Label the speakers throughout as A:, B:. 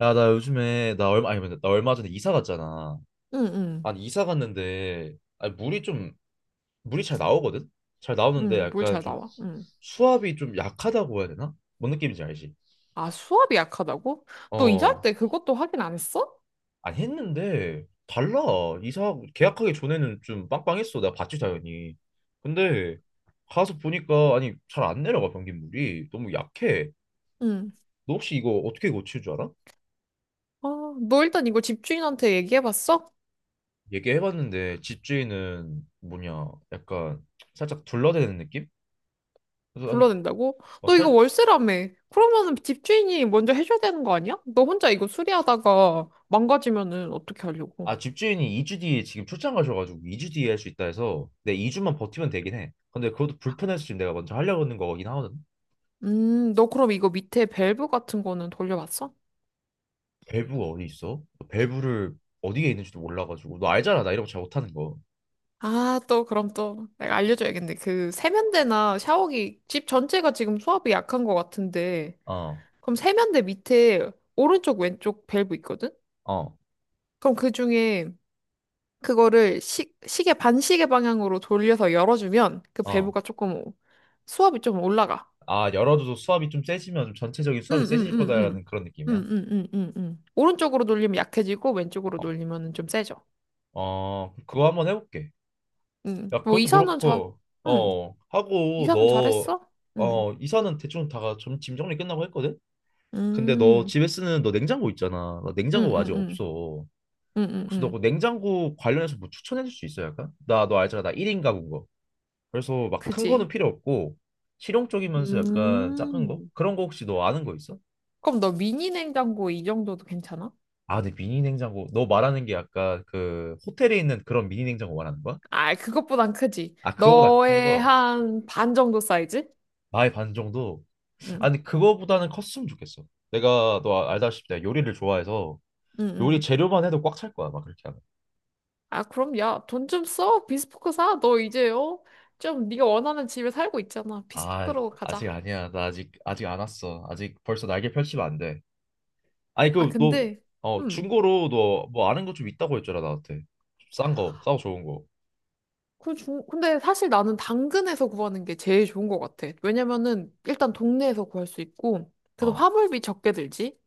A: 야, 나 요즘에 나 얼마 아니 근데 나 얼마 전에 이사 갔잖아.
B: 응, 응,
A: 아니 이사 갔는데 아니 물이 잘 나오거든. 잘 나오는데
B: 응, 물
A: 약간
B: 잘
A: 좀
B: 나와. 응.
A: 수압이 좀 약하다고 해야 되나? 뭔 느낌인지 알지?
B: 아, 수압이 약하다고? 너 이사할
A: 어.
B: 때 그것도 확인 안 했어?
A: 아니 했는데 달라. 이사 계약하기 전에는 좀 빵빵했어. 내가 봤지 당연히. 근데 가서 보니까 아니 잘 안 내려가. 변기물이 너무 약해.
B: 응.
A: 너 혹시 이거 어떻게 고칠 줄 알아?
B: 아, 너 일단 이거 집주인한테 얘기해봤어?
A: 얘기해봤는데 집주인은 뭐냐 약간 살짝 둘러대는 느낌? 그래서 아니
B: 불러낸다고?
A: 어,
B: 너 이거
A: 살,
B: 월세라며. 그러면은 집주인이 먼저 해줘야 되는 거 아니야? 너 혼자 이거 수리하다가 망가지면은 어떻게 하려고?
A: 아 집주인이 2주 뒤에 지금 출장 가셔가지고 2주 뒤에 할 수 있다 해서 내 2주만 버티면 되긴 해. 근데 그것도 불편해서 지금 내가 먼저 하려고 하는 거긴 하거든.
B: 너 그럼 이거 밑에 밸브 같은 거는 돌려봤어?
A: 밸브가 어디 있어? 밸브를 어디에 있는지도 몰라가지고. 너 알잖아 나 이런 거 잘 못하는 거.
B: 아, 또 그럼 또 내가 알려줘야겠네. 그 세면대나 샤워기 집 전체가 지금 수압이 약한 것 같은데
A: 어,
B: 그럼 세면대 밑에 오른쪽 왼쪽 밸브 있거든?
A: 어,
B: 그럼 그 중에 그거를 시계 반시계 방향으로 돌려서 열어주면 그
A: 어.
B: 밸브가 조금 수압이 좀 올라가.
A: 아 열어줘도 수압이 좀 세지면 좀 전체적인 수압이 세질 거다라는
B: 응응응응.
A: 그런 느낌이야.
B: 응응응응응. 오른쪽으로 돌리면 약해지고 왼쪽으로
A: 어,
B: 돌리면 좀 세져.
A: 어 그거 한번 해볼게.
B: 응.
A: 야
B: 뭐
A: 그것도
B: 이사는 잘.
A: 그렇고
B: 응.
A: 어 하고
B: 이사는
A: 너,
B: 잘했어? 응.
A: 어 이사는 대충 다가 좀 짐 정리 끝나고 했거든. 근데 너
B: 음.
A: 집에 쓰는 너 냉장고 있잖아. 나 냉장고 아직
B: 응응응.
A: 없어. 혹시
B: 응응응.
A: 너그 냉장고 관련해서 뭐 추천해 줄 수 있어 약간? 나 너 알잖아. 나 1인 가구인 거. 그래서 막 큰 거는
B: 그지.
A: 필요 없고 실용적이면서 약간 작은 거?
B: 음.
A: 그런 거 혹시 너 아는 거 있어?
B: 그럼 너 미니 냉장고 이 정도도 괜찮아?
A: 아, 근데 미니 냉장고. 너 말하는 게 약간 그 호텔에 있는 그런 미니 냉장고 말하는 거야?
B: 아, 그것보단 크지.
A: 아, 그거보다 큰
B: 너의
A: 거.
B: 한 반 정도 사이즈?
A: 나의 반 정도.
B: 응,
A: 아니, 그거보다는 컸으면 좋겠어. 내가 너 알다시피 내가 요리를 좋아해서
B: 응,
A: 요리
B: 응.
A: 재료만 해도 꽉 찰 거야. 막 그렇게 하면.
B: 아, 그럼 야, 돈 좀 써. 비스포크 사. 너 이제, 어? 좀 네가 원하는 집에 살고 있잖아.
A: 아,
B: 비스포크로
A: 아직
B: 가자.
A: 아니야. 나 아직 안 왔어. 아직 벌써 날개 펼치면 안 돼. 아니
B: 아,
A: 그 너
B: 근데, 음.
A: 중고로 너 뭐 아는 거 좀 있다고 했잖아 나한테. 싼 거, 싸고 좋은 거.
B: 근데 사실 나는 당근에서 구하는 게 제일 좋은 것 같아. 왜냐면은 일단 동네에서 구할 수 있고, 그래서
A: 어.
B: 화물비 적게 들지.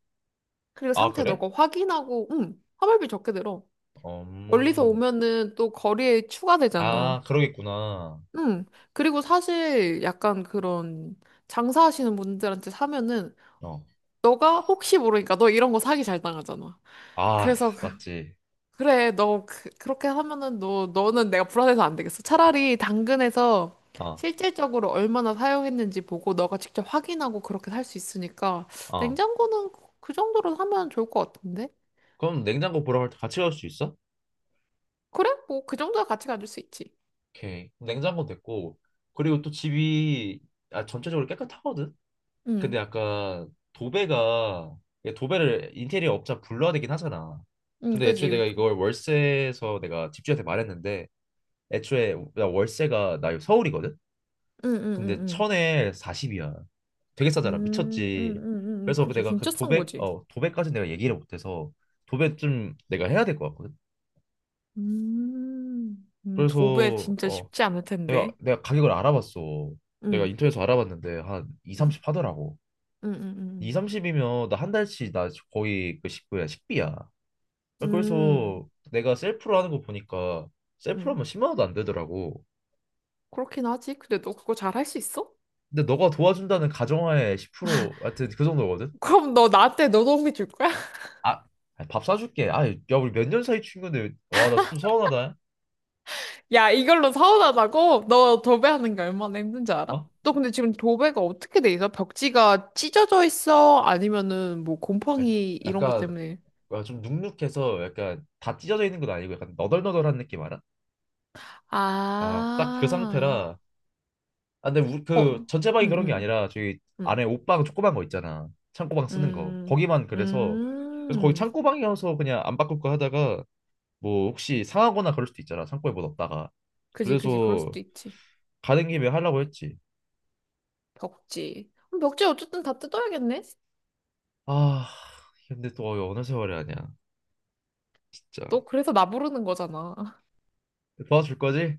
B: 그리고
A: 아
B: 상태
A: 그래?
B: 너가 확인하고, 화물비 적게 들어.
A: 어,
B: 멀리서 오면은 또 거리에
A: 아
B: 추가되잖아.
A: 그러겠구나.
B: 응. 그리고 사실 약간 그런 장사하시는 분들한테 사면은
A: 어.
B: 너가 혹시 모르니까 너 이런 거 사기 잘 당하잖아.
A: 아
B: 그래서
A: 맞지.
B: 그래 너 그렇게 하면은 너 너는 내가 불안해서 안 되겠어. 차라리 당근에서
A: 어,
B: 실질적으로 얼마나 사용했는지 보고 너가 직접 확인하고 그렇게 살 수 있으니까
A: 어.
B: 냉장고는 그그 정도로 사면 좋을 것 같은데.
A: 그럼 냉장고 보러 갈 때 같이 갈 수 있어?
B: 그래? 뭐 그 정도야 같이 가질 수 있지.
A: 오케이. 냉장고 됐고, 그리고 또 집이 전체적으로 깨끗하거든.
B: 응.
A: 근데 약간 도배가, 이게 도배를 인테리어 업자 불러야 되긴 하잖아.
B: 응,
A: 근데 애초에
B: 그지.
A: 내가 이걸 월세에서 내가 집주인한테 말했는데, 애초에 나 월세가 나 서울이거든.
B: 응, 응, 응,
A: 근데
B: 응.
A: 천에 40이야. 되게 싸잖아. 미쳤지. 그래서 그
B: 그지.
A: 내가 그
B: 진짜 싼 거지.
A: 도배까지 내가 얘기를 못해서 도배 좀 내가 해야 될 것 같거든.
B: 도배
A: 그래서
B: 진짜
A: 어
B: 쉽지 않을
A: 내가
B: 텐데.
A: 내가 가격을 알아봤어. 내가
B: 응,
A: 인터넷에서 알아봤는데 한 2,
B: 응,
A: 30 하더라고.
B: 응, 응,
A: 2,
B: 응,
A: 30이면 나 한 달치. 나 거의 그 식구야 식비야
B: 응, 응.
A: 그래서 내가 셀프로 하는 거 보니까 셀프로
B: 응.
A: 하면 10만 원도 안 되더라고.
B: 그렇긴 하지. 근데 너 그거 잘 할 수 있어?
A: 근데 너가 도와준다는 가정하에 10%, 하여튼 그 정도거든.
B: 그럼 너 나한테 노동비 줄 거야?
A: 아, 아니, 밥 사줄게. 아, 야 우리 몇 년 사이 친구인데, 와 나 좀 서운하다.
B: 야, 이걸로 서운하다고? 너 도배하는 게 얼마나 힘든지 알아?
A: 어?
B: 너 근데 지금 도배가 어떻게 돼 있어? 벽지가 찢어져 있어? 아니면은 뭐
A: 아,
B: 곰팡이 이런 것
A: 약간,
B: 때문에?
A: 와, 좀 눅눅해서 약간 다 찢어져 있는 건 아니고 약간 너덜너덜한 느낌 알아? 아 딱 그
B: 아,
A: 상태라. 아, 근데
B: 어,
A: 그
B: 응,
A: 전체 방이 그런 게
B: 응,
A: 아니라 저기 안에
B: 응,
A: 옷방 조그만 거 있잖아. 창고방 쓰는 거.
B: 응,
A: 거기만 그래서 거기
B: 응.
A: 창고방이어서 그냥 안 바꿀까 하다가, 뭐 혹시 상하거나 그럴 수도 있잖아. 창고에 뭐 넣었다가.
B: 그지, 그지. 그럴
A: 그래서
B: 수도 있지.
A: 가는 김에 하려고 했지.
B: 벽지. 그럼 벽지 어쨌든 다 뜯어야겠네?
A: 아, 근데 또 어느 세월이 아니야. 진짜.
B: 너 그래서 나 부르는 거잖아.
A: 도와줄 거지?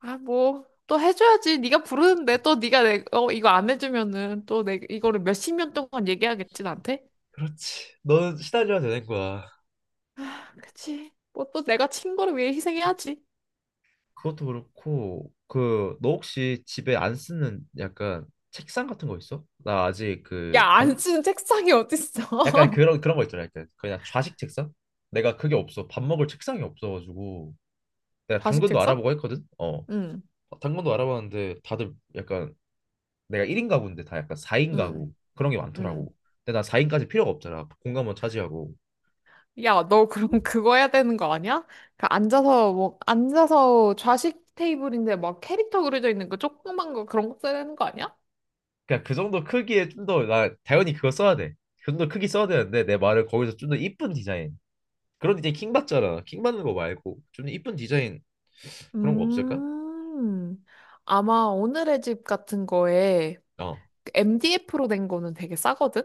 B: 아, 뭐, 또 해줘야지. 네가 부르는데 또 네가 내, 어, 이거 안 해주면은 또 내, 이거를 몇 십 년 동안 얘기하겠지, 나한테?
A: 그렇지. 너는 시달려야 되는 거야.
B: 아, 그치. 뭐 또 내가 친 거를 위해 희생해야지.
A: 그것도 그렇고 그 너 혹시 집에 안 쓰는 약간 책상 같은 거 있어? 나 아직
B: 야,
A: 그반
B: 안 쓰는 책상이
A: 약간
B: 어딨어?
A: 그런 그런 거 있잖아요. 약간 그냥 좌식 책상? 내가 그게 없어. 밥 먹을 책상이 없어가지고 내가
B: 좌식
A: 당근도
B: 책상?
A: 알아보고 했거든. 어,
B: 응,
A: 당근도 알아봤는데 다들 약간 내가 1인 가구인데 다 약간 4인
B: 응,
A: 가구 그런 게
B: 응.
A: 많더라고. 근데 나 4인까지 필요가 없잖아. 공간만 차지하고.
B: 야, 너 그럼 그거 해야 되는 거 아니야? 그 앉아서 뭐 앉아서 좌식 테이블인데 막 캐릭터 그려져 있는 거 조그만 거 그런 거 써야 되는 거 아니야?
A: 그냥 그 정도 크기에 좀 더, 나 당연히 그거 써야 돼. 그 정도 크기 써야 되는데 내 말을 거기서 좀 더 이쁜 디자인. 그런 디자인 킹 받잖아. 킹 받는 거 말고 좀 더 이쁜 디자인 그런 거 없을까?
B: 음, 아마 오늘의 집 같은 거에
A: 어.
B: MDF로 된 거는 되게 싸거든?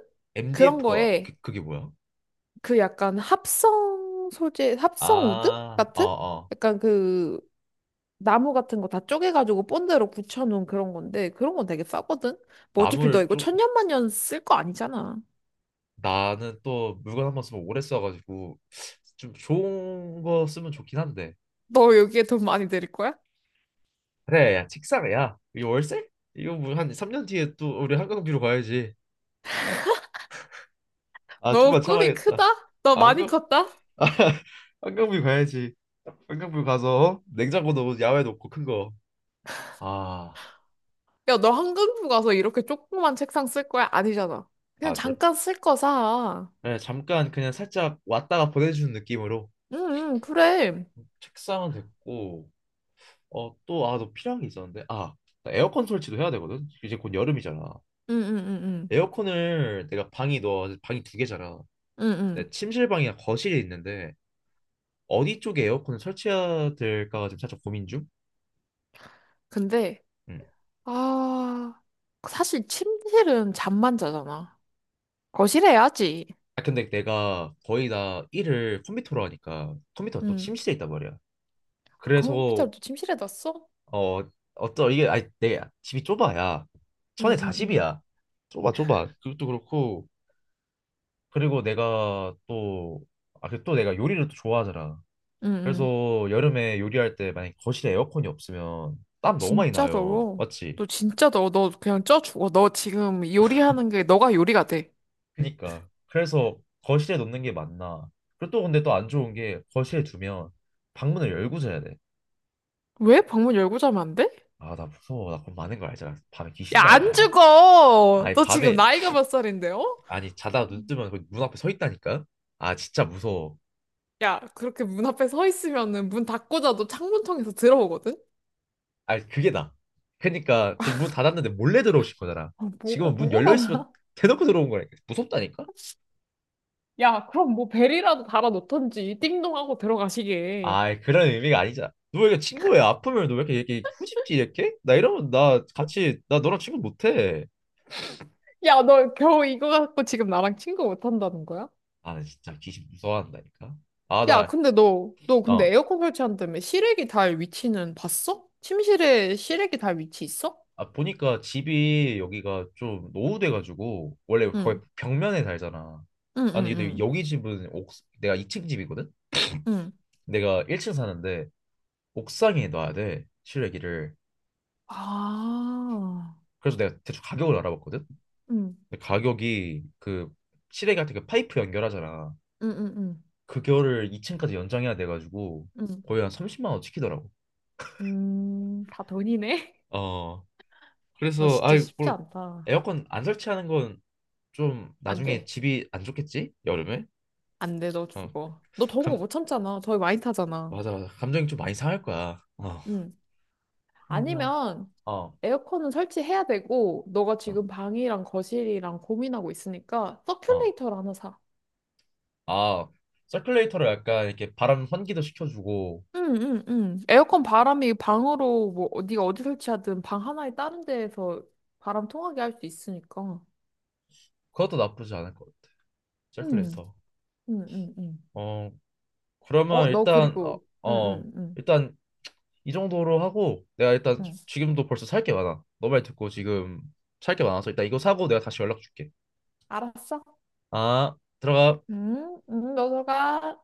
B: 그런
A: MDF가 그,
B: 거에
A: 그게 뭐야?
B: 그 약간 합성 소재, 합성 우드
A: 아, 어,
B: 같은?
A: 어.
B: 약간 그 나무 같은 거 다 쪼개가지고 본드로 붙여놓은 그런 건데 그런 건 되게 싸거든? 뭐 어차피 너
A: 나무를
B: 이거
A: 쪼
B: 천년만년 쓸 거 아니잖아.
A: 나는 또 물건 한 번 쓰면 오래 써가지고 좀 좋은 거 쓰면 좋긴 한데.
B: 너 여기에 돈 많이 들일 거야?
A: 그래 야, 책상. 야 이 월세? 이거 뭐 한 3년 뒤에 또 우리 한강뷰로 가야지. 아 좀만
B: 너 꿈이 크다?
A: 참아야겠다.
B: 너
A: 아
B: 많이
A: 한강
B: 컸다?
A: 한강뷰 가야지. 한강뷰 가서 어? 냉장고 넣 야외 놓고 큰 거. 아
B: 야, 너 한강뷰 가서 이렇게 조그만 책상 쓸 거야? 아니잖아. 그냥
A: 아 절
B: 잠깐 쓸 거 사.
A: 그 잠깐 그냥 살짝 왔다가 보내주는 느낌으로.
B: 응, 응, 그래. 응,
A: 책상은 됐고. 어 또 아 너 필요한 게 있었는데 아나, 에어컨 설치도 해야 되거든. 이제 곧 여름이잖아.
B: 응, 응, 응.
A: 에어컨을 내가 방이 너 방이 두 개잖아.
B: 응, 응.
A: 내 침실방이랑 거실이 있는데 어디 쪽에 에어컨을 설치해야 될까가 지금 살짝 고민 중.
B: 근데,
A: 음.
B: 아, 사실 침실은 잠만 자잖아. 거실에 해야지.
A: 아 근데 내가 거의 다 일을 컴퓨터로 하니까 컴퓨터가 또
B: 응.
A: 침실에 있단 말이야.
B: 아,
A: 그래서
B: 컴퓨터를 또 침실에 놨어?
A: 어, 어떤 이게 아니 내 집이 좁아야.
B: 응,
A: 천에
B: 응, 응.
A: 40이야. 좁아 좁아. 그것도 그렇고 그리고 내가 또, 아, 그또 내가 요리를 또 좋아하잖아.
B: 응, 응.
A: 그래서 여름에 요리할 때 만약 거실에 에어컨이 없으면 땀 너무 많이
B: 진짜
A: 나요.
B: 더워.
A: 맞지?
B: 너 진짜 더워. 너 그냥 쪄 죽어. 너 지금 요리하는 게 너가 요리가 돼.
A: 그니까. 그래서 거실에 놓는 게 맞나? 그리고 또 근데 또 안 좋은 게, 거실에 두면 방문을 열고 자야 돼.
B: 왜 방문 열고 자면 안 돼?
A: 아, 나 무서워. 나 그럼 많은 걸 알잖아. 밤에 귀신
B: 야, 안
A: 나와.
B: 죽어!
A: 아니,
B: 너 지금
A: 밤에
B: 나이가 몇 살인데, 어?
A: 아니 자다 눈 뜨면 거기 문 앞에 서 있다니까. 아, 진짜 무서워.
B: 야, 그렇게 문 앞에 서 있으면은 문 닫고 자도 창문 통해서 들어오거든?
A: 아니, 그게 나. 그러니까 그 문 닫았는데 몰래 들어오신 거잖아.
B: 아, 뭐
A: 지금은 문 열려
B: 뭐가
A: 있으면
B: 달라?
A: 대놓고 들어온 거라니까. 무섭다니까?
B: 야, 그럼 뭐 벨이라도 달아놓던지 띵동하고 들어가시게.
A: 아, 그런 의미가 아니잖아. 너 왜 이렇게 친구야? 아프면 너 왜 이렇게 후집지 이렇게? 나 이러면 나 같이 나 너랑 친구 못해.
B: 야, 너 겨우 이거 갖고 지금 나랑 친구 못 한다는 거야?
A: 아, 나 진짜 귀신 무서워한다니까. 아,
B: 야,
A: 나.
B: 근데 너 근데
A: 어.
B: 에어컨 설치한다며 시래기 달 위치는 봤어? 침실에 시래기 달 위치 있어?
A: 아, 보니까 집이 여기가 좀 노후돼가지고 원래 거의
B: 응,
A: 벽면에 살잖아.
B: 응,
A: 아니 근데
B: 응,
A: 여기 집은 옥 내가 2층 집이거든.
B: 응, 응.
A: 내가 1층 사는데 옥상에 놔야 돼 실외기를.
B: 아,
A: 그래서 내가 대충 가격을 알아봤거든.
B: 응,
A: 근데 가격이 그 실외기 같은 그 파이프 연결하잖아.
B: 응, 응, 응,
A: 그거를 2층까지 연장해야 돼가지고
B: 응.
A: 거의 한 30만 원 찍히더라고.
B: 다 돈이네?
A: 어
B: 너
A: 그래서
B: 진짜
A: 아이
B: 쉽지
A: 뭘.
B: 않다.
A: 에어컨 안 설치하는 건 좀
B: 안
A: 나중에
B: 돼.
A: 집이 안 좋겠지 여름에.
B: 안 돼, 너 죽어. 너 더운 거
A: 어감,
B: 못 참잖아. 더위 많이 타잖아.
A: 맞아 맞아. 감정이 좀 많이 상할 거야. 어.
B: 응.
A: 그러면,
B: 아니면 에어컨은 설치해야 되고, 너가 지금 방이랑 거실이랑 고민하고 있으니까
A: 어어어아
B: 서큘레이터를 하나 사.
A: 서큘레이터로 약간 이렇게 바람 환기도 시켜주고.
B: 응, 응, 응. 에어컨 바람이 방으로 뭐 네가 어디 설치하든 방 하나에 다른 데에서 바람 통하게 할 수 있으니까.
A: 그것도 나쁘지 않을 것 같아.
B: 응,
A: 서큘레이터.
B: 응, 응, 응.
A: 어
B: 어,
A: 그러면
B: 너
A: 일단 어,
B: 그리고 응,
A: 어
B: 응, 응,
A: 일단 이 정도로 하고, 내가 일단
B: 응.
A: 지금도 벌써 살 게 많아. 너 말 듣고 지금 살 게 많아서 일단 이거 사고 내가 다시 연락 줄게.
B: 알았어?
A: 아, 들어가.
B: 응, 응, 너 들어가.